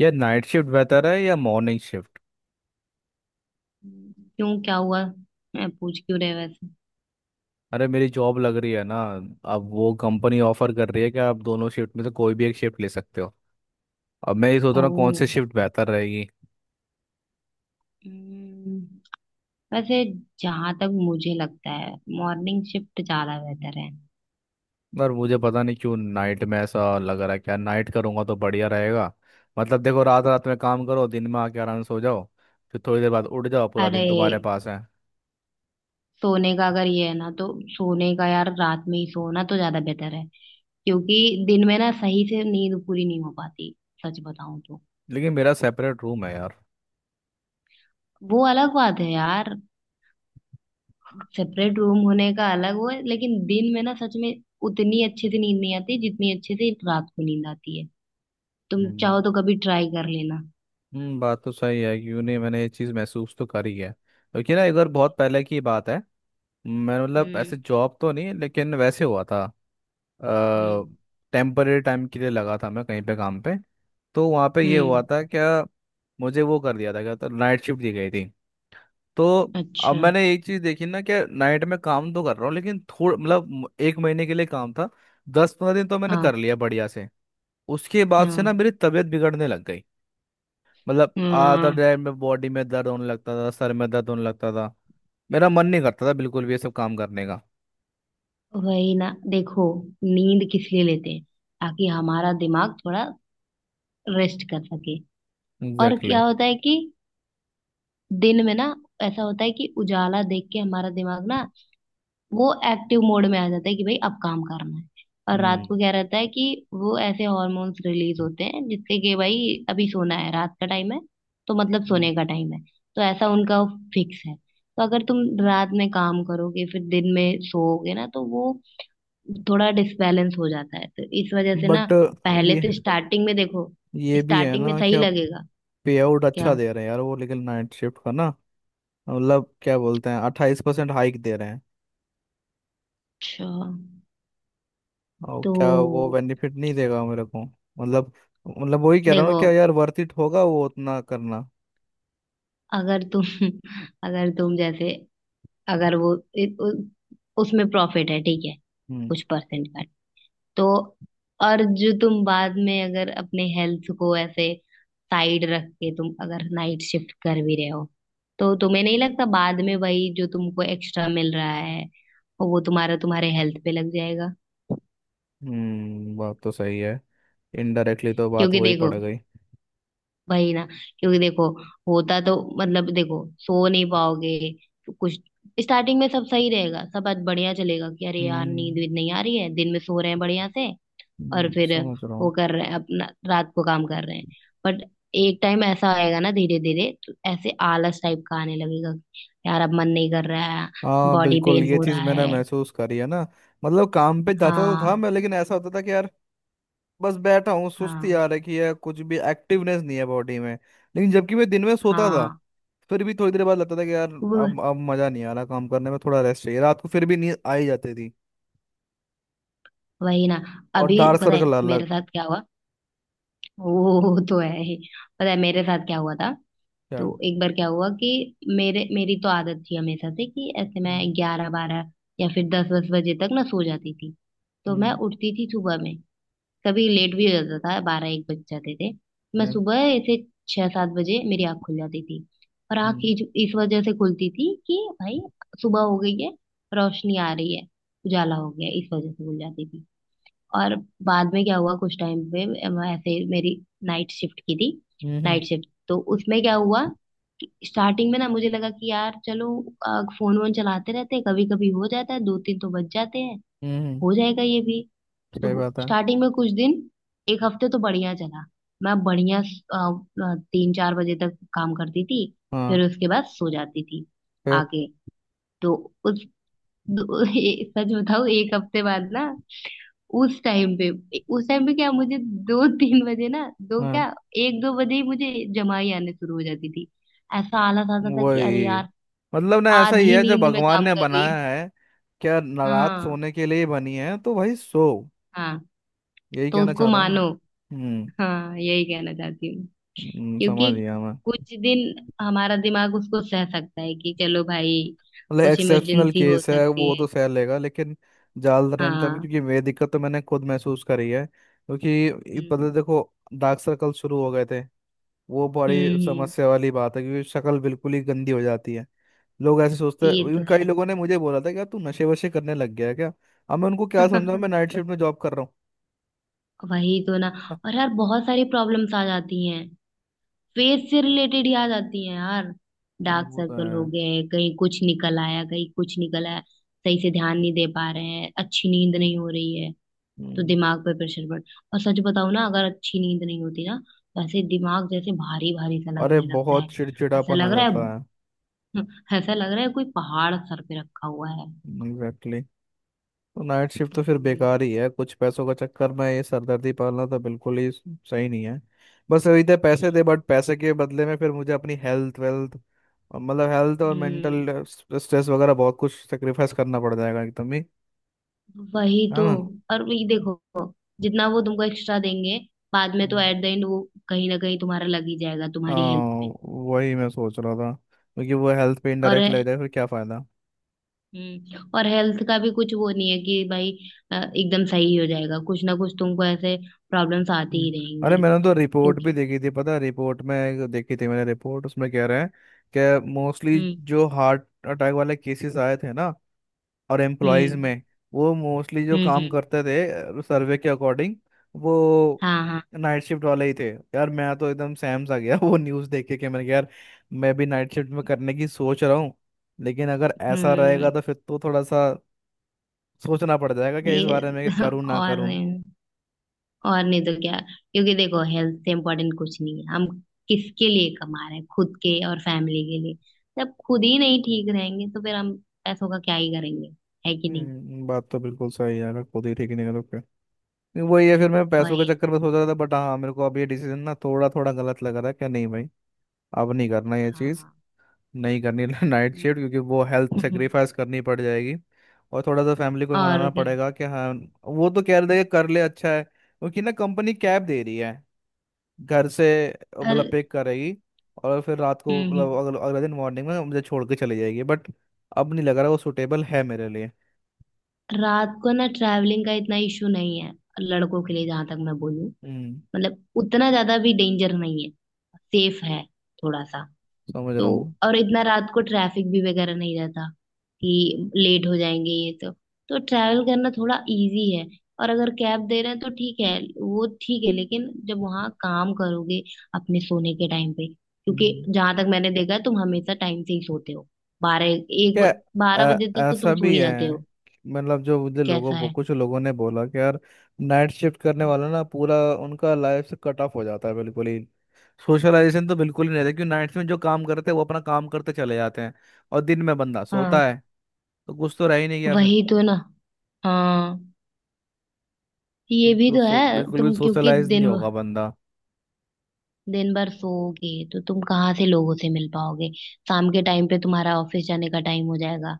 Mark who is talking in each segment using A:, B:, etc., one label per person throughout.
A: यार, night shift बेहतर है या मॉर्निंग शिफ्ट?
B: क्यों? क्या हुआ? मैं पूछ क्यों रहे वैसे?
A: अरे, मेरी जॉब लग रही है ना। अब वो कंपनी ऑफर कर रही है कि आप दोनों शिफ्ट में से कोई भी एक शिफ्ट ले सकते हो। अब मैं ये सोच रहा हूँ कौन
B: ओह।
A: सी शिफ्ट बेहतर रहेगी।
B: हम्म, वैसे जहां तक मुझे लगता है मॉर्निंग शिफ्ट ज्यादा बेहतर है।
A: पर मुझे पता नहीं क्यों, नाइट में ऐसा लग रहा है क्या नाइट करूँगा तो बढ़िया रहेगा। मतलब देखो, रात रात में काम करो, दिन में आके आराम से सो जाओ। फिर थोड़ी देर बाद उठ जाओ, पूरा दिन
B: अरे
A: तुम्हारे पास है।
B: सोने का अगर ये है ना तो सोने का यार रात में ही सोना तो ज्यादा बेहतर है। क्योंकि दिन में ना सही से नींद पूरी नहीं हो पाती, सच बताऊं तो।
A: लेकिन मेरा सेपरेट रूम है यार।
B: वो अलग बात है यार। सेपरेट रूम होने का अलग वो है, लेकिन दिन में ना सच में उतनी अच्छे से नींद नहीं आती जितनी अच्छे से रात को नींद आती है। तुम
A: हम्म।
B: चाहो तो कभी ट्राई कर लेना।
A: हम्म, बात तो सही है। क्यों नहीं, मैंने ये चीज़ महसूस तो करी है, क्योंकि ना एक बार बहुत पहले की बात है। मैं, मतलब, ऐसे
B: हम्म।
A: जॉब तो नहीं लेकिन वैसे हुआ था।
B: हम्म।
A: टेम्पररी टाइम के लिए लगा था मैं कहीं पे काम पे। तो वहाँ पे ये हुआ
B: हम्म।
A: था क्या, मुझे वो कर दिया था क्या, तो नाइट शिफ्ट दी गई थी। तो अब
B: अच्छा।
A: मैंने एक चीज़ देखी ना कि नाइट में काम तो कर रहा हूँ लेकिन थोड़ा, मतलब, एक महीने के लिए काम था। 10-15 दिन तो मैंने
B: हाँ।
A: कर लिया बढ़िया से। उसके बाद से ना
B: हाँ।
A: मेरी तबीयत बिगड़ने लग गई। मतलब, आधा
B: हाँ।
A: टाइम में बॉडी में दर्द होने लगता था, सर में दर्द होने लगता था। मेरा मन नहीं करता था बिल्कुल भी ये सब काम करने का।
B: वही ना, देखो। नींद किस लिए लेते हैं? ताकि हमारा दिमाग थोड़ा रेस्ट कर सके। और
A: एग्जैक्टली।
B: क्या होता है कि दिन में ना, ऐसा होता है कि उजाला देख के हमारा दिमाग ना, वो एक्टिव मोड में आ जाता है कि भाई अब काम करना है। और रात
A: हम्म।
B: को क्या रहता है कि वो ऐसे हॉर्मोन्स रिलीज होते हैं जिससे कि भाई अभी सोना है, रात का टाइम है, तो मतलब सोने का टाइम है। तो ऐसा उनका फिक्स है। तो अगर तुम रात में काम करोगे फिर दिन में सोओगे ना तो वो थोड़ा डिसबैलेंस हो जाता है। तो इस वजह से ना,
A: बट
B: पहले
A: ये
B: तो स्टार्टिंग में देखो,
A: ये भी है
B: स्टार्टिंग में
A: ना कि
B: सही
A: आप
B: लगेगा।
A: पे आउट अच्छा
B: क्या?
A: दे रहे हैं यार, वो। लेकिन नाइट शिफ्ट का ना, मतलब क्या बोलते हैं, 28% हाइक दे रहे हैं।
B: अच्छा,
A: और क्या वो
B: तो
A: बेनिफिट नहीं देगा मेरे को, मतलब? मतलब वही कह रहा हूँ ना,
B: देखो,
A: क्या यार वर्थ इट होगा वो उतना करना?
B: अगर तुम अगर तुम जैसे, अगर वो उसमें प्रॉफिट है, ठीक है,
A: हम्म।
B: कुछ परसेंट का, तो और जो तुम बाद में अगर अपने हेल्थ को ऐसे साइड रख के तुम अगर नाइट शिफ्ट कर भी रहे हो, तो तुम्हें नहीं लगता बाद में वही जो तुमको एक्स्ट्रा मिल रहा है वो तुम्हारा तुम्हारे हेल्थ पे लग जाएगा?
A: हम्म, बात तो सही है। इनडायरेक्टली तो बात
B: क्योंकि
A: वही
B: देखो,
A: पड़ गई।
B: वही ना, क्योंकि देखो, होता तो, मतलब देखो, सो नहीं पाओगे तो कुछ, स्टार्टिंग में सब सही रहेगा, सब आज बढ़िया चलेगा कि अरे यार नींद
A: हम्म।
B: वींद नहीं आ रही है, दिन में सो रहे हैं बढ़िया से, और फिर
A: समझ रहा
B: वो
A: हूँ।
B: कर रहे हैं अपना, रात को काम कर रहे हैं। बट एक टाइम ऐसा आएगा ना, धीरे धीरे तो ऐसे आलस टाइप का आने लगेगा कि यार अब मन नहीं कर रहा है,
A: हाँ,
B: बॉडी
A: बिल्कुल
B: पेन
A: ये
B: हो
A: चीज़
B: रहा
A: मैंने
B: है।
A: महसूस करी है ना। मतलब, काम पे जाता तो था
B: हाँ।
A: मैं, लेकिन ऐसा होता था कि यार बस बैठा हूँ, सुस्ती आ
B: हाँ।
A: रखी है, कुछ भी एक्टिवनेस नहीं है बॉडी में। लेकिन जबकि मैं दिन में सोता था
B: हाँ।
A: फिर भी थोड़ी देर बाद लगता था कि यार,
B: वो-
A: अब मजा नहीं आ रहा काम करने में, थोड़ा रेस्ट चाहिए। रात को फिर भी नींद आ ही जाती थी।
B: वही ना।
A: और
B: अभी
A: डार्क
B: पता
A: सर्कल
B: है
A: अलग।
B: मेरे साथ क्या हुआ? वो तो है ही। पता है मेरे साथ क्या हुआ था?
A: क्या?
B: तो एक बार क्या हुआ कि मेरे मेरी तो आदत थी हमेशा से कि ऐसे मैं
A: हम्म।
B: 11 12 या फिर 10 10 बजे तक ना सो जाती थी। तो मैं
A: हम्म।
B: उठती थी सुबह में। कभी लेट भी हो जाता था, 12 1 बज जाते थे। मैं
A: हम्म।
B: सुबह ऐसे 6 7 बजे मेरी आँख खुल जाती थी। और आँख इस वजह से खुलती थी कि भाई सुबह हो गई है, रोशनी आ रही है, उजाला हो गया है, इस वजह से खुल जाती थी। और बाद में क्या हुआ, कुछ टाइम पे ऐसे मेरी नाइट शिफ्ट की थी।
A: हम्म। हम्म।
B: नाइट शिफ्ट तो उसमें क्या हुआ कि स्टार्टिंग में ना मुझे लगा कि यार चलो, फोन वोन चलाते रहते हैं कभी कभी, हो जाता है, 2 3 तो बज जाते हैं,
A: हम्म,
B: हो जाएगा ये भी।
A: सही
B: तो
A: बात है।
B: स्टार्टिंग में कुछ दिन, 1 हफ्ते तो बढ़िया चला। मैं बढ़िया 3 4 बजे तक काम करती थी,
A: हाँ।
B: फिर उसके बाद सो जाती थी।
A: फिर?
B: आगे तो उस, सच बताऊँ, 1 हफ्ते बाद ना, उस टाइम पे, उस टाइम पे क्या, मुझे 2 3 बजे ना, दो
A: हाँ,
B: क्या, 1 2 बजे ही मुझे जमाई आने शुरू हो जाती थी। ऐसा आलस आता था कि अरे
A: वही।
B: यार,
A: मतलब ना, ऐसा ही
B: आधी
A: है जब
B: नींद में
A: भगवान
B: काम
A: ने
B: कर रही
A: बनाया
B: हूँ।
A: है, क्या ना रात
B: हाँ।
A: सोने के लिए ही बनी है, तो भाई सो।
B: हाँ।
A: यही
B: तो
A: कहना
B: उसको
A: चाहता हूँ ना।
B: मानो।
A: हम्म।
B: हाँ, यही कहना चाहती हूँ। क्योंकि
A: समझ गया मैं।
B: कुछ दिन हमारा दिमाग उसको सह सकता है कि चलो भाई,
A: मतलब
B: कुछ
A: एक्सेप्शनल
B: इमरजेंसी हो
A: केस है
B: सकती
A: वो
B: है।
A: तो सह लेगा, लेकिन ज्यादा टाइम तक?
B: हाँ।
A: क्योंकि ये दिक्कत तो मैंने खुद महसूस करी है, क्योंकि ये पता,
B: हम्म।
A: देखो, डार्क सर्कल शुरू हो गए थे। वो
B: हम्म।
A: बड़ी
B: हम्म।
A: समस्या वाली बात है, क्योंकि शक्ल बिल्कुल ही गंदी हो जाती है। लोग ऐसे सोचते हैं,
B: ये तो
A: even कई
B: है।
A: लोगों ने मुझे बोला था कि यार तू नशे वशे करने लग गया है क्या। अब मैं उनको क्या समझाऊं, मैं नाइट शिफ्ट में जॉब कर रहा हूँ।
B: वही तो ना। और यार बहुत सारी प्रॉब्लम्स आ जाती हैं, फेस से रिलेटेड ही आ जाती हैं यार।
A: ना,
B: डार्क
A: वो तो
B: सर्कल हो
A: है।
B: गए, कहीं कुछ निकल आया, कहीं कुछ निकल आया। सही से ध्यान नहीं दे पा रहे हैं, अच्छी नींद नहीं हो रही है, तो
A: हम्म,
B: दिमाग पे प्रेशर बढ़। और सच बताओ ना, अगर अच्छी नींद नहीं होती ना तो ऐसे दिमाग जैसे भारी भारी सा
A: अरे
B: लगने लगता है।
A: बहुत
B: ऐसा
A: चिड़चिड़ापन आ
B: लग रहा
A: जाता है।
B: है ऐसा लग रहा है कोई पहाड़ सर पे रखा हुआ है।
A: एग्जैक्टली। तो नाइट शिफ्ट तो फिर
B: हम्म।
A: बेकार ही है, कुछ पैसों का चक्कर में ये सरदर्दी पालना तो बिल्कुल ही सही नहीं है। बस वही थे पैसे
B: Yeah.
A: दे, बट पैसे के बदले में फिर मुझे अपनी हेल्थ वेल्थ, और मतलब हेल्थ और
B: हम्म,
A: मेंटल स्ट्रेस वगैरह बहुत कुछ सेक्रीफाइस करना पड़ जाएगा एकदम ही।
B: वही
A: है
B: तो।
A: ना?
B: और वही देखो, जितना वो तुमको एक्स्ट्रा देंगे, बाद में तो
A: हम्म।
B: एट द एंड वो कहीं ना कहीं तुम्हारा लग ही जाएगा, तुम्हारी हेल्थ
A: हाँ
B: पे।
A: वही मैं सोच रहा था। क्योंकि वो हेल्थ पे
B: और
A: इनडायरेक्ट लग जाए फिर क्या फायदा।
B: और हेल्थ का भी कुछ वो नहीं है कि भाई एकदम सही हो जाएगा, कुछ ना कुछ तुमको ऐसे प्रॉब्लम्स आती
A: हम्म।
B: ही
A: अरे
B: रहेंगी।
A: मैंने तो रिपोर्ट भी
B: क्योंकि
A: देखी थी, पता है, रिपोर्ट में एक देखी थी मैंने रिपोर्ट, उसमें कह रहे हैं कि मोस्टली
B: हम्म।
A: जो हार्ट अटैक वाले केसेस आए थे ना और एम्प्लॉयज में,
B: हम्म।
A: वो मोस्टली जो
B: हम्म।
A: काम
B: हम्म।
A: करते थे सर्वे के अकॉर्डिंग, वो
B: हाँ। हाँ।
A: नाइट शिफ्ट वाले ही थे। यार, मैं तो एकदम सैम आ गया वो न्यूज़ देख के, कि मैंने कहा यार मैं भी नाइट शिफ्ट में करने की सोच रहा हूँ। लेकिन अगर ऐसा रहेगा
B: हम्म।
A: तो फिर तो थोड़ा सा सोचना पड़ जाएगा कि इस
B: ये
A: बारे में, कि करूँ ना
B: और
A: करूँ।
B: नहीं- और नहीं तो क्या, क्योंकि देखो हेल्थ से इम्पोर्टेंट कुछ नहीं है। हम किसके लिए कमा रहे हैं? खुद के और फैमिली के लिए। जब खुद ही नहीं ठीक रहेंगे तो फिर हम पैसों का क्या ही करेंगे? है कि नहीं?
A: बात तो बिल्कुल सही है यार, खुद ही ठीक नहीं करो क्या। वही है, फिर मैं
B: और
A: पैसों के
B: ये
A: चक्कर में सोच रहा था, बट हाँ, मेरे को अब ये डिसीजन ना थोड़ा थोड़ा गलत लग रहा है। क्या नहीं भाई, अब नहीं करना ये चीज़।
B: हाँ।
A: नहीं करनी नाइट शिफ्ट, क्योंकि
B: हम्म।
A: वो हेल्थ सेक्रीफाइस करनी पड़ जाएगी। और थोड़ा सा फैमिली को
B: और
A: मनाना
B: क्या।
A: पड़ेगा कि हाँ। वो तो कह रहे थे कि कर ले, अच्छा है, क्योंकि ना कंपनी कैब दे रही है, घर से,
B: और
A: मतलब पिक करेगी। और फिर रात को,
B: हम्म,
A: मतलब, अगले दिन मॉर्निंग में मुझे छोड़ के चली जाएगी, बट अब नहीं लग रहा वो सुटेबल है मेरे लिए।
B: रात को ना ट्रैवलिंग का इतना इशू नहीं है लड़कों के लिए, जहां तक मैं बोलूं।
A: हम्म,
B: मतलब उतना ज्यादा भी डेंजर नहीं है, सेफ है थोड़ा सा।
A: समझ
B: तो
A: रहा हूँ।
B: और इतना रात को ट्रैफिक भी वगैरह नहीं रहता कि लेट हो जाएंगे ये तो ट्रैवल करना थोड़ा इजी है। और अगर कैब दे रहे हैं तो ठीक है, वो ठीक है, लेकिन जब वहाँ काम करोगे अपने सोने के टाइम पे, क्योंकि
A: हम्म।
B: जहां तक मैंने देखा है तुम हमेशा टाइम से ही सोते हो। 12 1
A: क्या?
B: बारह
A: अ-
B: बजे तक तो तुम
A: ऐसा
B: सो
A: भी
B: ही
A: है
B: जाते हो।
A: कि, मतलब, जो मुझे लोगों
B: कैसा
A: वो
B: है?
A: कुछ लोगों ने बोला कि यार नाइट शिफ्ट करने
B: हम्म।
A: वाला ना पूरा उनका लाइफ से कट ऑफ हो जाता है बिल्कुल ही। सोशलाइजेशन तो बिल्कुल ही नहीं रहता, क्योंकि नाइट्स में जो काम करते हैं वो अपना काम करते चले जाते हैं और दिन में बंदा सोता
B: हाँ,
A: है। तो कुछ तो रह ही नहीं गया फिर।
B: वही तो ना। हाँ, ये भी तो है।
A: बिल्कुल भी
B: तुम क्योंकि
A: सोशलाइज नहीं
B: दिन,
A: होगा बंदा।
B: दिन भर सोओगे तो तुम कहाँ से लोगों से मिल पाओगे? शाम के टाइम पे तुम्हारा ऑफिस जाने का टाइम हो जाएगा,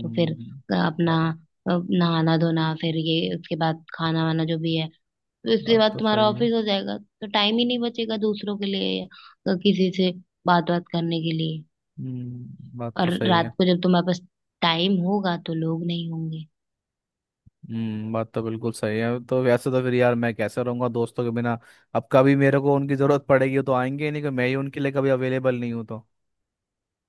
B: तो फिर अपना
A: बात
B: नहाना धोना, फिर ये, उसके बाद खाना वाना जो भी है, तो इसके
A: बात
B: बाद
A: तो
B: तुम्हारा
A: सही है।
B: ऑफिस हो जाएगा, तो टाइम ही नहीं बचेगा दूसरों के लिए या किसी से बात बात करने के लिए।
A: हम्म, बात तो
B: और
A: सही है।
B: रात को जब तुम्हारे पास टाइम होगा तो लोग नहीं होंगे।
A: हम्म, बात तो बिल्कुल सही है। तो वैसे तो फिर यार मैं कैसे रहूंगा दोस्तों के बिना? अब कभी मेरे को उनकी जरूरत पड़ेगी तो आएंगे ही नहीं, कि मैं ही उनके लिए कभी अवेलेबल नहीं हूँ तो।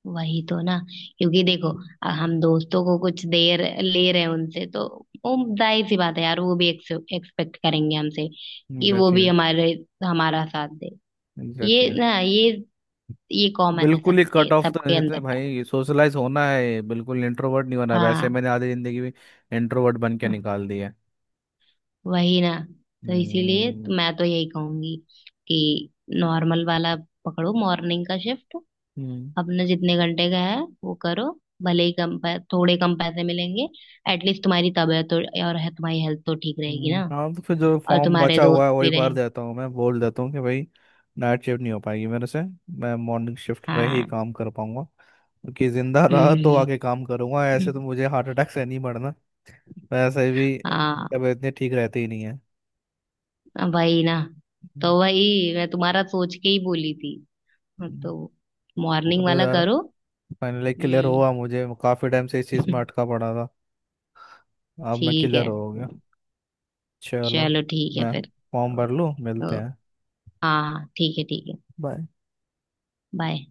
B: वही तो ना। क्योंकि देखो हम दोस्तों को कुछ देर ले रहे हैं उनसे, तो वो जाहिर सी बात है यार, वो भी एक्सपेक्ट करेंगे हमसे कि वो
A: एग्जैक्टली।
B: भी हमारे, हमारा साथ दे। ये
A: एग्जैक्टली।
B: ना ये कॉमन है
A: बिल्कुल ही
B: सबके
A: कट ऑफ तो नहीं
B: सबके
A: सकते
B: अंदर का।
A: भाई, सोशलाइज होना है, बिल्कुल इंट्रोवर्ट नहीं होना, वैसे
B: हाँ,
A: मैंने आधी जिंदगी में इंट्रोवर्ट बन के निकाल दी है।
B: वही ना। तो इसीलिए
A: हम्म।
B: तो मैं तो यही कहूंगी कि नॉर्मल वाला पकड़ो, मॉर्निंग का शिफ्ट,
A: हम्म।
B: अपने जितने घंटे का है वो करो, भले ही थोड़े कम पैसे मिलेंगे, एटलीस्ट तुम्हारी तबीयत तो, और है तुम्हारी हेल्थ तो ठीक रहेगी ना,
A: हाँ तो फिर जो
B: और
A: फॉर्म
B: तुम्हारे
A: बचा हुआ
B: दोस्त
A: है वही
B: भी
A: भर
B: रहेंगे।
A: देता हूँ, मैं बोल देता हूँ कि भाई नाइट शिफ्ट नहीं हो पाएगी मेरे से, मैं मॉर्निंग शिफ्ट में ही
B: हाँ।
A: काम कर पाऊंगा। कि जिंदा रहा
B: हम्म।
A: तो
B: हम्म।
A: आगे
B: हम्म।
A: काम करूंगा, ऐसे तो
B: हम्म।
A: मुझे हार्ट अटैक से नहीं मरना। वैसे भी
B: हाँ,
A: तबीयत इतनी ठीक रहती ही नहीं है।
B: वही ना। तो
A: हम्म,
B: वही मैं तुम्हारा सोच के ही बोली थी। हाँ, तो मॉर्निंग
A: चलो
B: वाला
A: यार,
B: करो।
A: फाइनली क्लियर
B: हम्म।
A: हुआ, मुझे काफी टाइम से इस चीज में अटका पड़ा था। अब मैं
B: ठीक
A: क्लियर
B: है।
A: हो गया। चलो,
B: चलो, ठीक है
A: मैं
B: फिर।
A: फॉर्म
B: ओ,
A: भर लूँ, मिलते
B: ओ,
A: हैं।
B: हाँ हाँ, ठीक है ठीक है।
A: बाय।
B: बाय।